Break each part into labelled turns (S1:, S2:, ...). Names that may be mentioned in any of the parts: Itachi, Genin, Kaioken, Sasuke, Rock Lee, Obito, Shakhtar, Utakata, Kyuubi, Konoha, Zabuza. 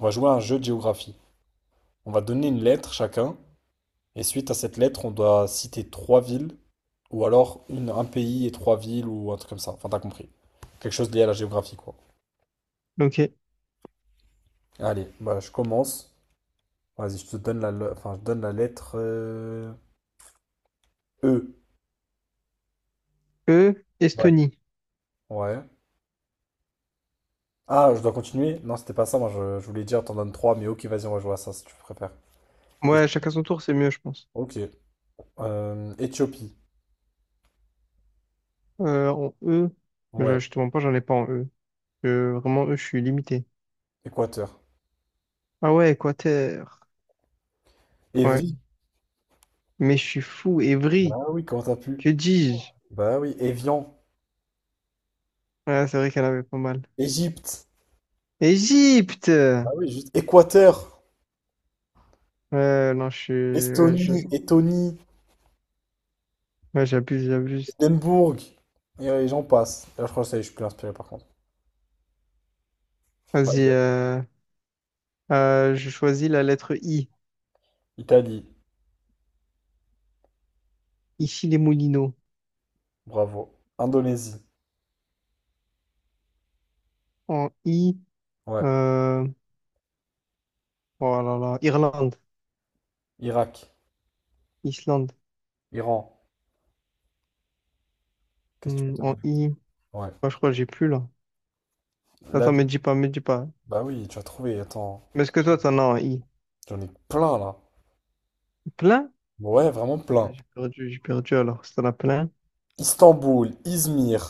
S1: On va jouer à un jeu de géographie. On va donner une lettre chacun, et suite à cette lettre, on doit citer trois villes, ou alors une, un pays et trois villes, ou un truc comme ça. Enfin, t'as compris. Quelque chose lié à la géographie, quoi.
S2: Ok.
S1: Allez, bah, je commence. Vas-y, je te donne enfin, je donne la lettre E.
S2: E,
S1: Ouais.
S2: Estonie.
S1: Ouais. Ah, je dois continuer? Non, c'était pas ça. Moi, je voulais dire, t'en donnes trois, mais ok, vas-y, on va jouer à ça si tu préfères. Et-
S2: Ouais, chacun son tour, c'est mieux, je pense.
S1: Ok. Éthiopie.
S2: En E, mais
S1: Ouais.
S2: je te mens pas, j'en ai pas en E. Je- vraiment, E, je suis limité.
S1: Équateur.
S2: Ah ouais, Équateur. Ouais.
S1: Évry.
S2: Mais je suis fou,
S1: Bah
S2: Évry.
S1: oui, comment t'as pu?
S2: Que dis-je?
S1: Bah oui. Évian.
S2: Ouais, c'est vrai qu'elle avait pas mal.
S1: Égypte.
S2: Égypte!
S1: Ah oui, juste Équateur,
S2: Ouais, non, je suis. Ouais, je-
S1: Estonie, Lettonie,
S2: ouais, j'abuse.
S1: Édimbourg, et j'en passe. Là, je crois que ça y est, je suis plus inspiré par contre.
S2: Vas-y,
S1: Ouais.
S2: je choisis la lettre I.
S1: Italie,
S2: Ici, les Moulineaux.
S1: bravo. Indonésie,
S2: En I,
S1: ouais.
S2: euh... oh là là, Irlande,
S1: Irak,
S2: Islande.
S1: Iran, qu'est-ce que tu peux
S2: Hmm,
S1: te
S2: en
S1: donner?
S2: I,
S1: Ouais.
S2: moi, je crois que j'ai plus là.
S1: La...
S2: Attends, me
S1: vie.
S2: dis pas, me dis pas.
S1: Bah oui, tu as trouvé, attends.
S2: Mais est-ce que toi, t'en as en I?
S1: J'en ai plein là.
S2: Plein?
S1: Ouais, vraiment
S2: Ah,
S1: plein.
S2: j'ai perdu, alors, si t'en as plein.
S1: Istanbul, Izmir,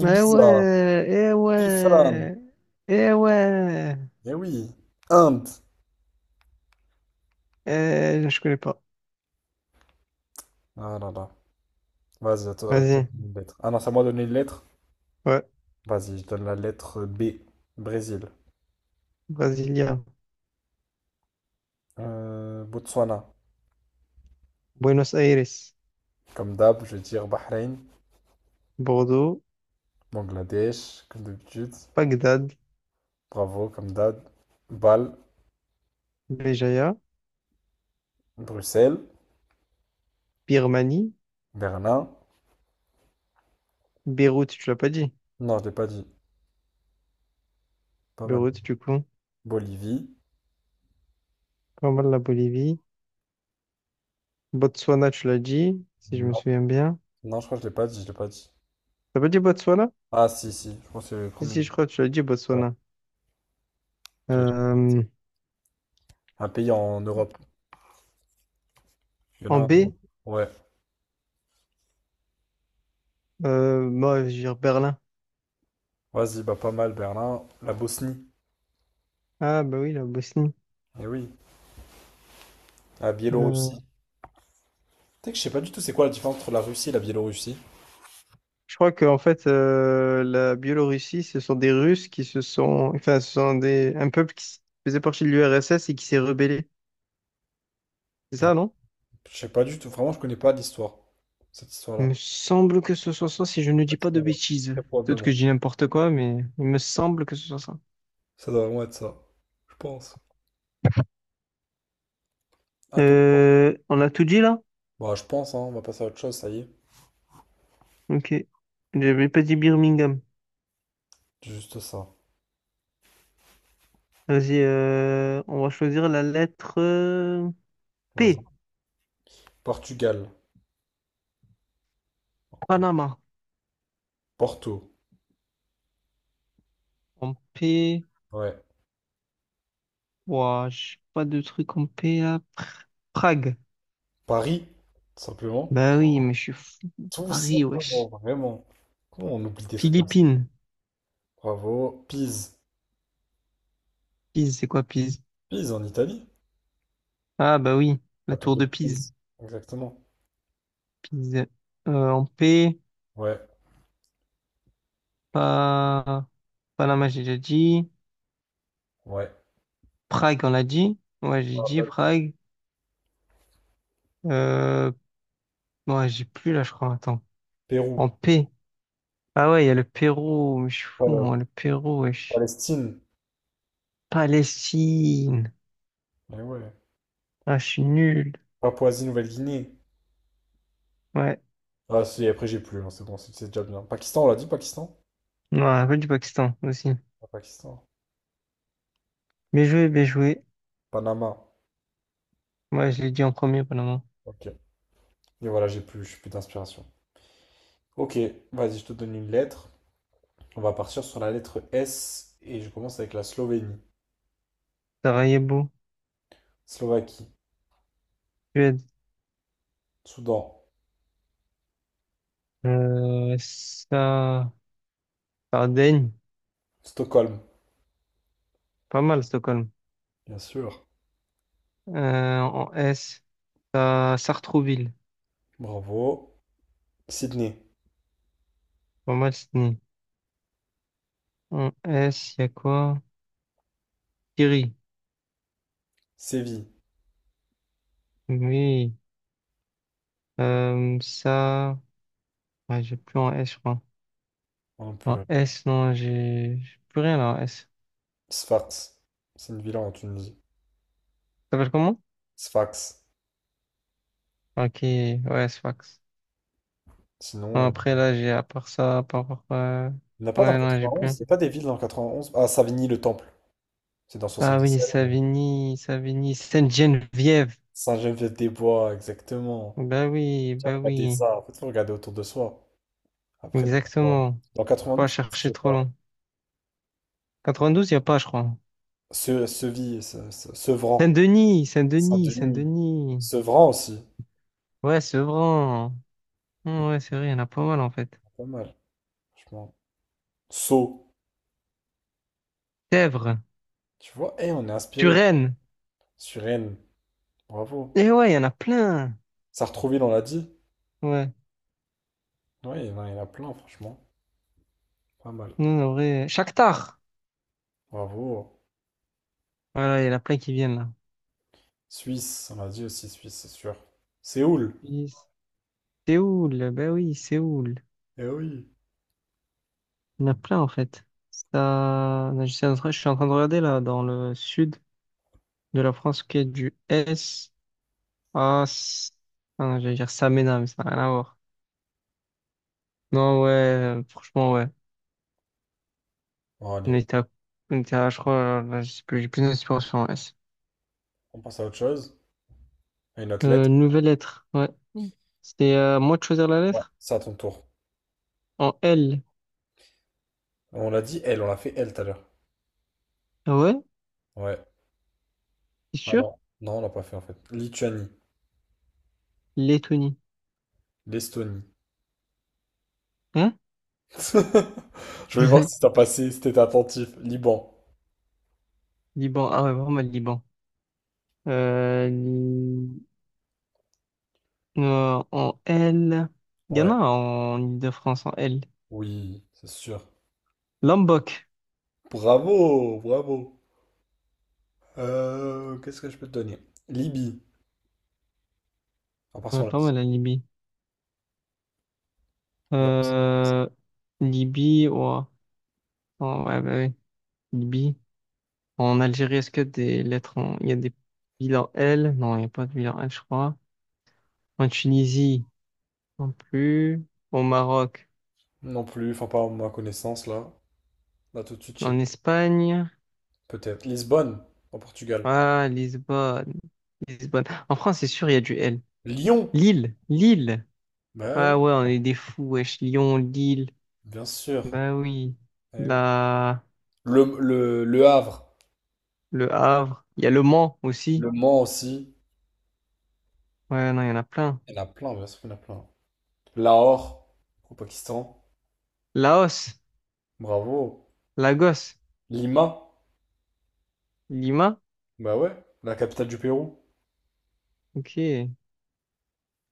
S2: Eh
S1: Ibiza,
S2: ouais, eh
S1: Ifrane.
S2: ouais, eh ouais.
S1: Eh oui. Inde.
S2: Eh, je connais pas.
S1: Ah là là. Vas-y, attends, attends,
S2: Vas-y,
S1: une lettre. Ah non, c'est à moi de donner une lettre.
S2: ouais.
S1: Vas-y, je donne la lettre B. Brésil.
S2: Brasilia,
S1: Botswana,
S2: Buenos Aires,
S1: comme d'hab, je vais dire Bahreïn,
S2: Bordeaux,
S1: Bangladesh, comme d'habitude.
S2: Bagdad,
S1: Bravo, comme d'hab. Bâle,
S2: Béjaïa,
S1: Bruxelles,
S2: Birmanie,
S1: Berlin.
S2: Beyrouth, tu l'as pas dit.
S1: Non, je l'ai pas dit. Pas mal.
S2: Beyrouth, du coup.
S1: Bolivie.
S2: Pas mal la Bolivie. Botswana, tu l'as dit, si je me
S1: Non,
S2: souviens bien.
S1: non, je crois que je l'ai pas dit, je l'ai pas dit.
S2: T'as pas dit Botswana?
S1: Ah, si, si, je pense que c'est le
S2: Si,
S1: premier.
S2: si, je crois que tu l'as dit,
S1: Ouais,
S2: Botswana.
S1: tu l'as dit.
S2: Euh,
S1: Un pays en Europe. Il y en a
S2: en
S1: un en
S2: B?
S1: Europe. Ouais.
S2: Moi, je vais dire Berlin.
S1: Vas-y, bah pas mal, Berlin. La Bosnie.
S2: Ah, bah oui, la Bosnie.
S1: Eh oui. La
S2: Euh,
S1: Biélorussie. Tu sais que je sais pas du tout c'est quoi la différence entre la Russie et la Biélorussie.
S2: je crois que en fait, la Biélorussie, ce sont des Russes qui se sont, enfin, ce sont des un peuple faisait partie de l'URSS et qui s'est rebellé. C'est
S1: Ah,
S2: ça, non?
S1: je sais pas du tout. Vraiment, je connais pas l'histoire. Cette
S2: Il
S1: histoire-là.
S2: me semble que ce soit ça, si je ne
S1: Ouais,
S2: dis pas
S1: ça,
S2: de bêtises.
S1: très
S2: Peut-être que
S1: probablement.
S2: je dis n'importe quoi, mais il me semble que ce soit ça.
S1: Ça doit vraiment être ça. Je pense. À ton tour.
S2: On a tout dit là?
S1: Bah, je pense, hein, on va passer à autre chose, ça y est.
S2: Ok. J'avais pas dit Birmingham.
S1: Juste ça.
S2: Vas-y, on va choisir la lettre
S1: Vas-y.
S2: P.
S1: Portugal.
S2: Panama.
S1: Porto.
S2: En P.
S1: Ouais.
S2: Ouah, je pas de truc en P là. Prague.
S1: Paris, tout simplement.
S2: Bah oui, mais je suis fou.
S1: Tout
S2: Paris,
S1: simplement,
S2: wesh.
S1: vraiment. Comment on oublie des trucs comme ça?
S2: Philippines.
S1: Bravo. Pise.
S2: Pise, c'est quoi Pise?
S1: Pise en Italie.
S2: Ah bah oui,
S1: La
S2: la
S1: tour
S2: tour
S1: de
S2: de Pise.
S1: Pise. Exactement.
S2: Pise en P.
S1: Ouais.
S2: Pas... Panama, j'ai déjà dit.
S1: Ouais.
S2: Prague, on l'a dit. Ouais, j'ai
S1: Ah,
S2: dit
S1: pas-
S2: Prague. Euh... Ouais, j'ai plus là, je crois. Attends. En
S1: Pérou.
S2: P, ah ouais, il y a le Pérou. Mais je suis fou,
S1: Euh,
S2: moi, le Pérou, wesh.
S1: Palestine.
S2: Palestine.
S1: Mais ouais.
S2: Ah, je suis nul.
S1: Papouasie-Nouvelle-Guinée.
S2: Ouais,
S1: Ah, si, après j'ai plus, hein, c'est bon, c'est déjà bien. Pakistan, on l'a dit, Pakistan?
S2: non un peu du Pakistan aussi.
S1: Pas Pakistan.
S2: Bien joué.
S1: Panama.
S2: Moi je l'ai dit en premier, Panama.
S1: Ok. Et voilà, j'ai plus, je j'ai plus d'inspiration. Ok, vas-y, je te donne une lettre. On va partir sur la lettre S et je commence avec la Slovénie,
S2: Sarajevo,
S1: Slovaquie,
S2: Suède.
S1: Soudan,
S2: Euh, ça, Sardaigne,
S1: Stockholm,
S2: pas mal, Stockholm.
S1: bien sûr.
S2: En S, Sartrouville,
S1: Bravo. Sydney,
S2: pas mal, Sydney. En S, il y a quoi? Thierry,
S1: Séville,
S2: oui. Euh, ça, ouais, j'ai plus en S, je crois.
S1: on en peut
S2: En
S1: là.
S2: S, non, j'ai plus rien là en S.
S1: Sfax, c'est une ville en Tunisie.
S2: Ça s'appelle comment?
S1: Sfax.
S2: Ok, ouais, Sfax.
S1: Sinon,
S2: Non, après, là, j'ai, à part ça,
S1: il n'y en a pas dans le
S2: ouais, non, j'ai plus
S1: 91.
S2: rien.
S1: Il n'y a pas des villes dans le 91. Ah, Savigny-le-Temple, c'est dans
S2: Ah oui,
S1: 77.
S2: Savigny, Sainte-Geneviève.
S1: Saint-Geneviève-des-Bois, exactement.
S2: Bah oui,
S1: Tiens,
S2: bah
S1: regardez
S2: oui,
S1: ça. En fait, faut regarder autour de soi. Après, dans 92,
S2: exactement.
S1: dans
S2: Pas
S1: 92, je
S2: chercher
S1: sais
S2: trop
S1: pas.
S2: long. 92, il n'y a pas, je crois.
S1: Se, Seville, Se- Se- Sevran,
S2: Saint-Denis, Saint-Denis,
S1: Saint-Denis,
S2: Saint-Denis.
S1: Sevran aussi.
S2: Ouais, Sevran.
S1: Il y en
S2: Hmm, ouais, c'est vrai, il y en a pas mal en fait.
S1: a pas mal, franchement. Sceaux,
S2: Sèvres,
S1: tu vois, eh, on est inspiré.
S2: Suresnes.
S1: Sur Rennes, bravo.
S2: Eh ouais, il y en a plein.
S1: Sartrouville, on l'a dit.
S2: Ouais,
S1: Ouais, il y en a plein, franchement. Pas mal.
S2: non, en vrai. Shakhtar.
S1: Bravo.
S2: Voilà, il y en a plein qui viennent là.
S1: Suisse, on l'a dit aussi, Suisse, c'est sûr. Séoul,
S2: Nice. Séoul, bah oui, Séoul.
S1: eh oui.
S2: Il y en a plein en fait. Ça... je suis en train de regarder là dans le sud de la France qui est du S à... S- ah non, j'allais dire Samena, mais ça n'a rien à voir. Non, ouais, franchement, ouais.
S1: Bon,
S2: On
S1: allez,
S2: était à, on était à, je crois, là, je sais plus, j'ai plus d'inspiration en S.
S1: on passe à autre chose. À une athlète.
S2: Nouvelle lettre, ouais. Mm. C'était à moi de choisir la
S1: Ouais,
S2: lettre?
S1: c'est à ton tour.
S2: En L.
S1: On l'a dit, elle, on l'a fait elle tout à l'heure.
S2: Ah ouais,
S1: Ouais.
S2: c'est
S1: Ah non,
S2: sûr?
S1: non, on l'a pas fait en fait. Lituanie.
S2: Lettonie.
S1: L'Estonie.
S2: Hein?
S1: Je voulais voir si t'as passé, si t'étais attentif. Liban.
S2: Liban, ah ouais, vraiment le Liban. Euh, li- en L. Il y en
S1: Ouais.
S2: a en Ile-de-France en L.
S1: Oui, c'est sûr.
S2: Lombok.
S1: Bravo, bravo. Qu'est-ce que je peux te donner? Libye. À part
S2: Ouais,
S1: son là.
S2: pas mal la Libye.
S1: Bah,
S2: Euh, Libye, ouah. Oh, ouais, bah oui. Libye. En Algérie, est-ce qu'il y a des lettres en... il y a des villes en L? Non, il n'y a pas de ville en L, je crois. En Tunisie, non plus. Au Maroc,
S1: non plus, enfin pas à ma connaissance là. Là tout de suite, je sais pas.
S2: en Espagne.
S1: Peut-être. Lisbonne, en Portugal.
S2: Ah, Lisbonne. Lisbonne. En France, c'est sûr, il y a du L.
S1: Lyon.
S2: Lille.
S1: Bah oui,
S2: Ah ouais, on est des fous, wesh. Lyon, Lille.
S1: bien sûr.
S2: Bah oui.
S1: Eh oui.
S2: La...
S1: Le Havre.
S2: Le Havre. Il y a Le Mans aussi.
S1: Le Mans aussi.
S2: Ouais, non, il y en a plein.
S1: Il y en a plein, bien sûr qu'il y en a plein. Lahore, au Pakistan.
S2: Laos,
S1: Bravo.
S2: Lagos.
S1: Lima.
S2: Lima?
S1: Bah ouais, la capitale du Pérou.
S2: Ok. Il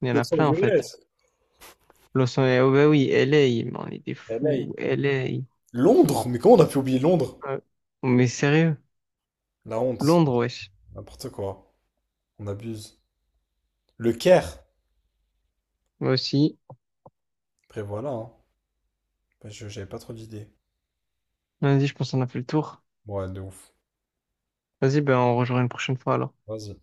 S2: y en a
S1: Los
S2: plein en fait.
S1: Angeles,
S2: Los Angeles, oh bah oui, LA, mais on est des
S1: LA.
S2: fous, LA.
S1: Londres? Mais comment on a pu oublier Londres?
S2: Ouais. Mais sérieux,
S1: La honte.
S2: Londres, wesh.
S1: N'importe quoi. On abuse. Le Caire.
S2: Moi aussi.
S1: Après voilà, hein. Bah, j'avais pas trop d'idées.
S2: Vas-y, je pense qu'on a fait le tour.
S1: Ouais, de ouf.
S2: Vas-y, ben on rejoint une prochaine fois alors.
S1: Vas-y.